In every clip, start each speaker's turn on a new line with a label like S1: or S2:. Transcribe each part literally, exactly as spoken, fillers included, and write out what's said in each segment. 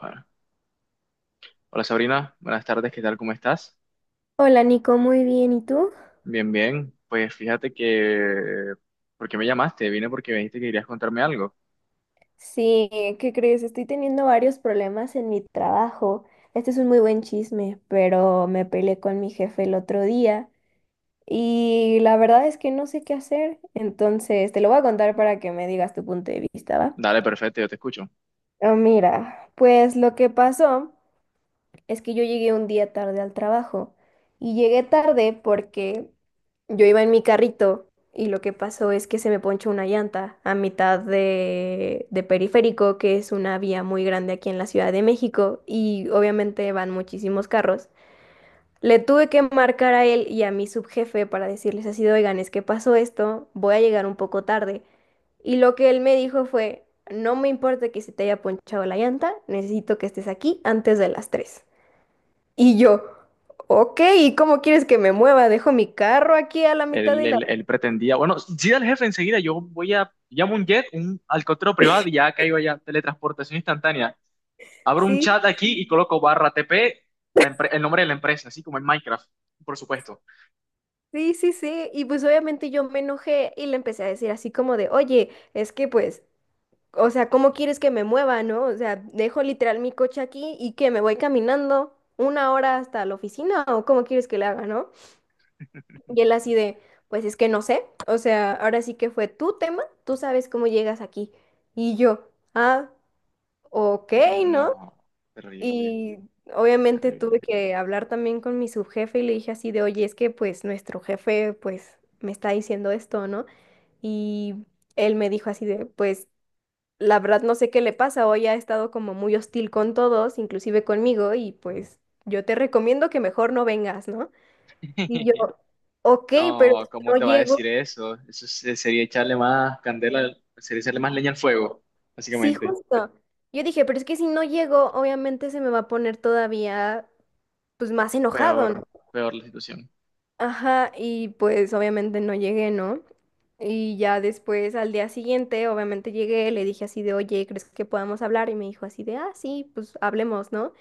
S1: Bueno, hola Sabrina, buenas tardes, ¿qué tal? ¿Cómo estás?
S2: Hola Nico, muy bien. ¿Y tú?
S1: Bien, bien. Pues fíjate que... ¿Por qué me llamaste? Vine porque me dijiste que querías contarme algo.
S2: Sí, ¿qué crees? Estoy teniendo varios problemas en mi trabajo. Este es un muy buen chisme, pero me peleé con mi jefe el otro día y la verdad es que no sé qué hacer. Entonces, te lo voy a contar para que me digas tu punto de vista, ¿va?
S1: Dale, perfecto, yo te escucho.
S2: Ah, mira, pues lo que pasó. Es que yo llegué un día tarde al trabajo y llegué tarde porque yo iba en mi carrito y lo que pasó es que se me ponchó una llanta a mitad de, de Periférico, que es una vía muy grande aquí en la Ciudad de México y obviamente van muchísimos carros. Le tuve que marcar a él y a mi subjefe para decirles así, de, oigan, es que pasó esto, voy a llegar un poco tarde. Y lo que él me dijo fue, no me importa que se te haya ponchado la llanta, necesito que estés aquí antes de las tres. Y yo, ok, ¿y cómo quieres que me mueva? Dejo mi carro aquí a la mitad
S1: Él,
S2: de la...
S1: él- él pretendía... Bueno, sí, al jefe enseguida, yo voy a... Llamo un jet, un helicóptero privado y ya caigo allá. Teletransportación instantánea. Abro un
S2: Sí,
S1: chat aquí y coloco barra T P, la empre- el nombre de la empresa, así como en Minecraft, por supuesto.
S2: sí, sí, sí. Y pues obviamente yo me enojé y le empecé a decir así como de, oye, es que pues, o sea, ¿cómo quieres que me mueva, no? O sea, dejo literal mi coche aquí y que me voy caminando una hora hasta la oficina o cómo quieres que le haga, ¿no? Y él así de, pues es que no sé. O sea, ahora sí que fue tu tema, tú sabes cómo llegas aquí. Y yo, ah, ok, ¿no?
S1: No, terrible,
S2: Y obviamente tuve
S1: terrible.
S2: que hablar también con mi subjefe y le dije así de, oye, es que pues nuestro jefe pues me está diciendo esto, ¿no? Y él me dijo así de, pues la verdad no sé qué le pasa, hoy ha estado como muy hostil con todos, inclusive conmigo, y pues yo te recomiendo que mejor no vengas, ¿no? Y yo, ok, pero si
S1: No, ¿cómo
S2: no
S1: te va a
S2: llego,
S1: decir eso? Eso se- sería echarle más candela, sería echarle más leña al fuego,
S2: sí,
S1: básicamente.
S2: justo. Yo dije, pero es que si no llego, obviamente se me va a poner todavía pues más enojado, ¿no?
S1: Peor, peor la situación.
S2: Ajá, y pues obviamente no llegué, ¿no? Y ya después, al día siguiente, obviamente llegué, le dije así de, oye, ¿crees que podamos hablar? Y me dijo así de, ah, sí, pues hablemos, ¿no?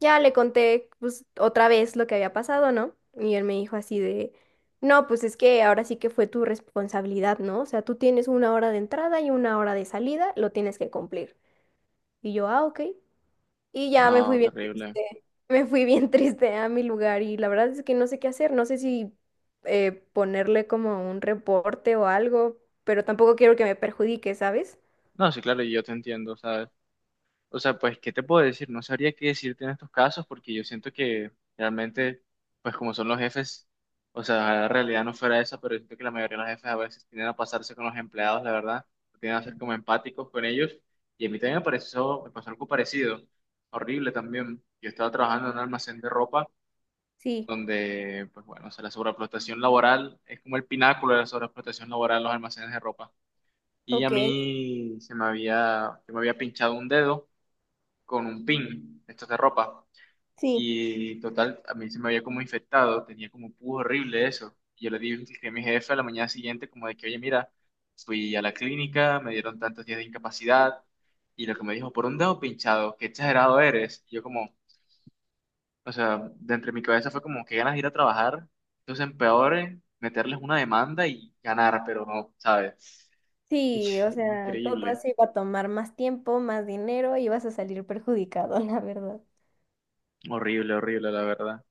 S2: Ya le conté, pues, otra vez lo que había pasado, ¿no? Y él me dijo así de, no, pues es que ahora sí que fue tu responsabilidad, ¿no? O sea, tú tienes una hora de entrada y una hora de salida, lo tienes que cumplir. Y yo, ah, ok. Y ya
S1: No,
S2: me fui bien
S1: terrible.
S2: triste, me fui bien triste a mi lugar y la verdad es que no sé qué hacer, no sé si eh, ponerle como un reporte o algo, pero tampoco quiero que me perjudique, ¿sabes?
S1: No, sí, claro, yo te entiendo. O sea, pues, ¿qué te puedo decir? No sabría qué decirte en estos casos porque yo siento que realmente, pues como son los jefes, o sea, la realidad no fuera esa, pero yo siento que la mayoría de los jefes a veces tienden a pasarse con los empleados, la verdad, tienden a ser como empáticos con ellos. Y a mí también me pareció, me pasó algo parecido, horrible también. Yo estaba trabajando en un almacén de ropa
S2: Sí,
S1: donde, pues bueno, o sea, la sobreexplotación laboral es como el pináculo de la sobreexplotación laboral en los almacenes de ropa. Y a
S2: ok,
S1: mí se me había, se me había pinchado un dedo con un pin, estos de ropa.
S2: sí,
S1: Y total, a mí se me había como infectado, tenía como un pus horrible eso. Y yo le dije a mi jefe a la mañana siguiente como de que, oye, mira, fui a la clínica, me dieron tantos días de incapacidad y lo que me dijo, por un dedo pinchado, qué exagerado eres. Y yo como, o sea, de entre mi cabeza fue como, qué ganas de ir a trabajar. Entonces, empeore meterles una demanda y ganar, pero no, ¿sabes?
S2: sí, o sea, todo
S1: Increíble,
S2: eso iba a tomar más tiempo, más dinero y vas a salir perjudicado, la verdad.
S1: horrible, horrible, la verdad.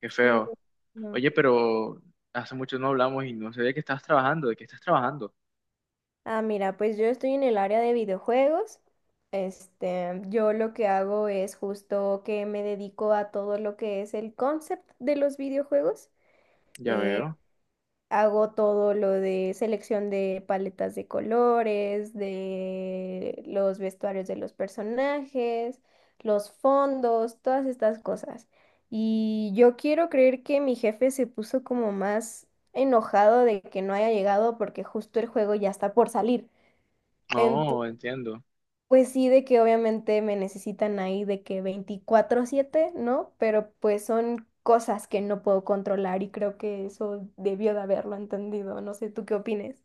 S1: Qué
S2: Sí,
S1: feo.
S2: no.
S1: Oye, pero hace mucho no hablamos y no sé de qué estás trabajando, de qué estás trabajando.
S2: Ah, mira, pues yo estoy en el área de videojuegos. Este, yo lo que hago es justo que me dedico a todo lo que es el concept de los videojuegos.
S1: Ya
S2: Eh,
S1: veo.
S2: Hago todo lo de selección de paletas de colores, de los vestuarios de los personajes, los fondos, todas estas cosas. Y yo quiero creer que mi jefe se puso como más enojado de que no haya llegado porque justo el juego ya está por salir.
S1: No, entiendo.
S2: Pues sí, de que obviamente me necesitan ahí de que veinticuatro siete, ¿no? Pero pues son cosas que no puedo controlar y creo que eso debió de haberlo entendido. No sé, ¿tú qué opines?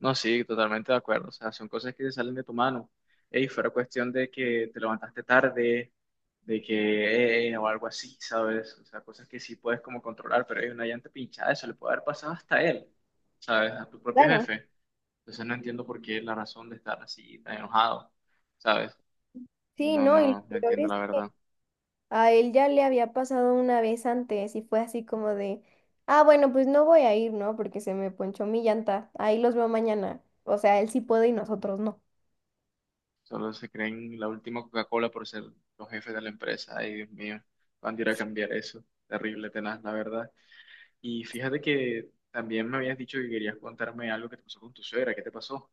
S1: No, sí, totalmente de acuerdo. O sea, son cosas que te salen de tu mano. Ey, fuera cuestión de que te levantaste tarde, de que, eh, o algo así, ¿sabes? O sea, cosas que sí puedes como controlar, pero hay una llanta pinchada, eso le puede haber pasado hasta a él, ¿sabes? A tu propio
S2: Claro.
S1: jefe. Entonces no entiendo por qué la razón de estar así tan enojado, ¿sabes?
S2: Sí,
S1: No,
S2: no, y
S1: no, no
S2: lo peor
S1: entiendo
S2: es,
S1: la verdad.
S2: a él ya le había pasado una vez antes y fue así como de, ah, bueno, pues no voy a ir, ¿no? Porque se me ponchó mi llanta, ahí los veo mañana. O sea, él sí puede y nosotros no.
S1: Solo se creen la última Coca-Cola por ser los jefes de la empresa. Ay, Dios mío, van a ir a cambiar eso. Terrible, tenaz, la verdad. Y fíjate que también me habías dicho que querías contarme algo que te pasó con tu suegra. ¿Qué te pasó?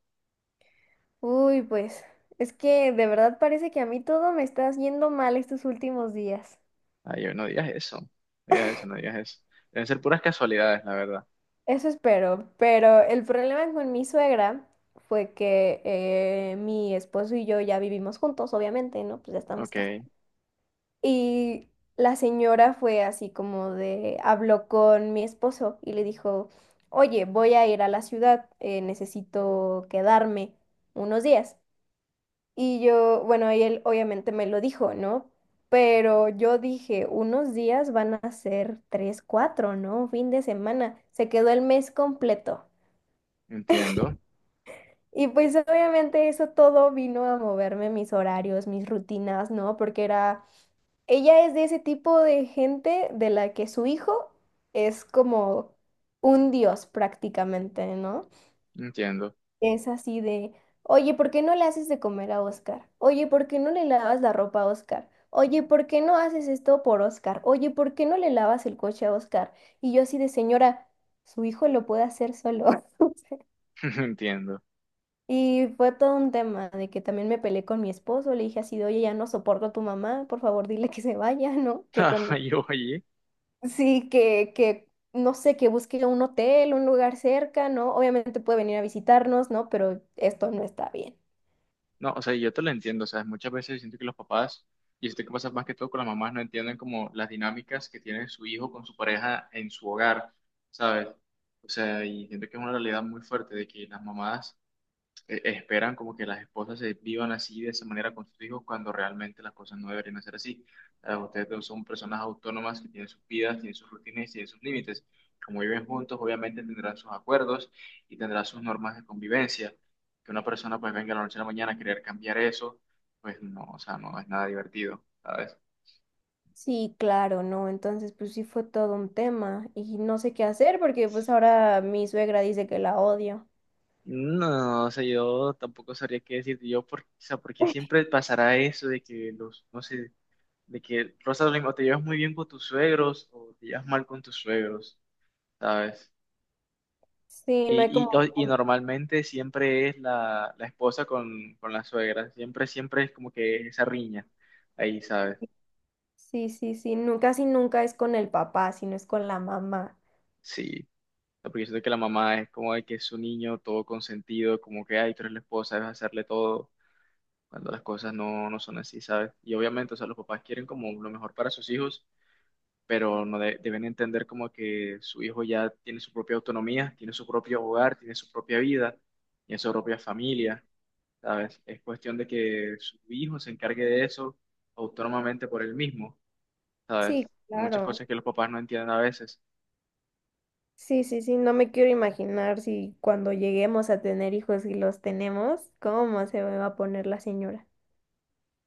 S2: Uy, pues, es que de verdad parece que a mí todo me está yendo mal estos últimos días.
S1: Ay, no digas eso. No digas eso, no digas eso. Deben ser puras casualidades, la verdad.
S2: Eso espero, pero el problema con mi suegra fue que eh, mi esposo y yo ya vivimos juntos, obviamente, ¿no? Pues ya estamos
S1: Ok,
S2: casados. Y la señora fue así como de, habló con mi esposo y le dijo, oye, voy a ir a la ciudad, eh, necesito quedarme unos días. Y yo, bueno, y él obviamente me lo dijo, ¿no? Pero yo dije, unos días van a ser tres, cuatro, ¿no? Un fin de semana. Se quedó el mes completo.
S1: entiendo,
S2: Y pues obviamente eso todo vino a moverme mis horarios, mis rutinas, ¿no? Porque era, ella es de ese tipo de gente de la que su hijo es como un dios prácticamente, ¿no?
S1: entiendo,
S2: Es así de, oye, ¿por qué no le haces de comer a Oscar? Oye, ¿por qué no le lavas la ropa a Oscar? Oye, ¿por qué no haces esto por Oscar? Oye, ¿por qué no le lavas el coche a Oscar? Y yo así de, señora, su hijo lo puede hacer solo.
S1: entiendo.
S2: Y fue todo un tema de que también me peleé con mi esposo, le dije así de, oye, ya no soporto a tu mamá, por favor dile que se vaya, ¿no? Que con,
S1: Ay, oye.
S2: sí, que, que, no sé, que busque un hotel, un lugar cerca, ¿no? Obviamente puede venir a visitarnos, ¿no? Pero esto no está bien.
S1: No, o sea, yo te lo entiendo, o sea, muchas veces siento que los papás, y esto que pasa más que todo con las mamás, no entienden como las dinámicas que tiene su hijo con su pareja en su hogar, ¿sabes? O sea, y siento que es una realidad muy fuerte de que las mamás eh, esperan como que las esposas se vivan así de esa manera con sus hijos cuando realmente las cosas no deberían ser así. Ah, ustedes dos son personas autónomas que tienen sus vidas, tienen sus rutinas y tienen sus límites. Como viven juntos, obviamente tendrán sus acuerdos y tendrán sus normas de convivencia. Que una persona pues venga de la noche a la mañana a querer cambiar eso, pues no, o sea, no es nada divertido, ¿sabes?
S2: Sí, claro, ¿no? Entonces, pues sí fue todo un tema y no sé qué hacer porque pues ahora mi suegra dice que la odio.
S1: No, o sea, yo tampoco sabría qué decirte yo, por, o sea, porque siempre pasará eso de que los, no sé, de que Rosalind o te llevas muy bien con tus suegros o te llevas mal con tus suegros, ¿sabes?
S2: Sí, no hay como,
S1: Y, y, o- y normalmente siempre es la, la esposa con, con la suegra, siempre, siempre es como que esa riña ahí, ¿sabes?
S2: sí, sí, sí, nunca, casi nunca es con el papá, sino es con la mamá.
S1: Sí, porque yo siento que la mamá es como de que es su niño todo consentido, como que, ay, tú eres la esposa, debes hacerle todo, cuando las cosas no, no son así, ¿sabes? Y obviamente, o sea, los papás quieren como lo mejor para sus hijos pero no de- deben entender como que su hijo ya tiene su propia autonomía, tiene su propio hogar, tiene su propia vida, tiene su propia familia, ¿sabes? Es cuestión de que su hijo se encargue de eso autónomamente por él mismo,
S2: Sí,
S1: ¿sabes? Muchas
S2: claro.
S1: cosas que los papás no entienden a veces.
S2: Sí, sí, sí, no me quiero imaginar si cuando lleguemos a tener hijos y los tenemos, cómo se va a poner la señora.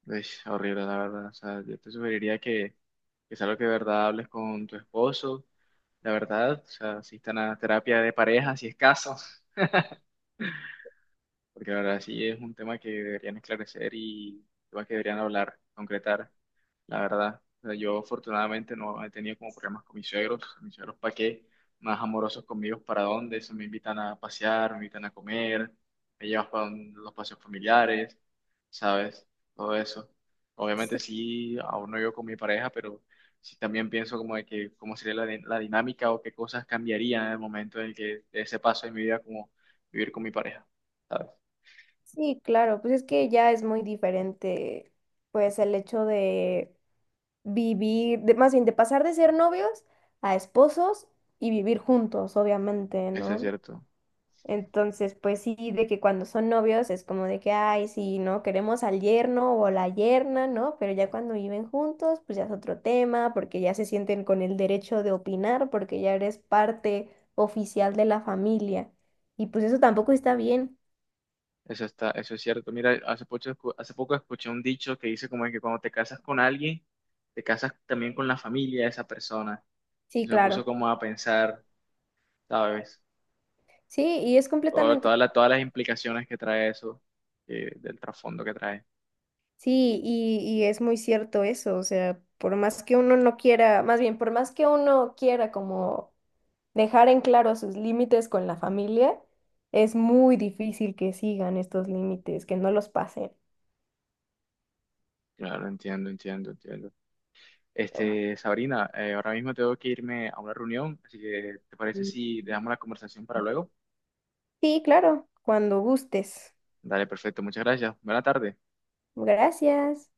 S1: Es horrible, la verdad. O sea, yo te sugeriría que, que es algo que de verdad hables con tu esposo, la verdad. O sea, asistan a terapia de pareja si es caso, porque la verdad sí es un tema que deberían esclarecer y un tema que deberían hablar, concretar, la verdad. O sea, yo afortunadamente no he tenido como problemas con mis suegros, mis suegros para qué, más amorosos conmigo, para dónde, se me invitan a pasear, me invitan a comer, me llevas para los paseos familiares, ¿sabes? Todo eso. Obviamente
S2: Sí,
S1: sí, aún no vivo con mi pareja, pero sí también pienso como de que cómo sería la, di- la dinámica o qué cosas cambiarían en el momento en el que de ese paso de mi vida como vivir con mi pareja. ¿Sabes?
S2: sí, claro, pues es que ya es muy diferente, pues el hecho de vivir, de, más bien de pasar de ser novios a esposos y vivir juntos, obviamente,
S1: Eso es
S2: ¿no?
S1: cierto,
S2: Entonces, pues sí, de que cuando son novios es como de que, ay, sí, no, queremos al yerno o la yerna, ¿no? Pero ya cuando viven juntos, pues ya es otro tema, porque ya se sienten con el derecho de opinar, porque ya eres parte oficial de la familia. Y pues eso tampoco está bien.
S1: eso está, eso es cierto. Mira, hace poco, escu- hace poco escuché un dicho que dice como que cuando te casas con alguien, te casas también con la familia de esa persona.
S2: Sí,
S1: Eso me puso
S2: claro.
S1: como a pensar, ¿sabes?
S2: Sí, y es
S1: Todo-
S2: completamente,
S1: todas las, todas las implicaciones que trae eso, eh, del trasfondo que trae.
S2: sí, y, y es muy cierto eso, o sea, por más que uno no quiera, más bien, por más que uno quiera como dejar en claro sus límites con la familia es muy difícil que sigan estos límites, que no los pasen.
S1: Claro, entiendo, entiendo, entiendo.
S2: Oh.
S1: Este, Sabrina, eh, ahora mismo tengo que irme a una reunión, así que ¿te parece si dejamos la conversación para luego?
S2: Sí, claro, cuando gustes.
S1: Dale, perfecto, muchas gracias. Buena tarde.
S2: Gracias.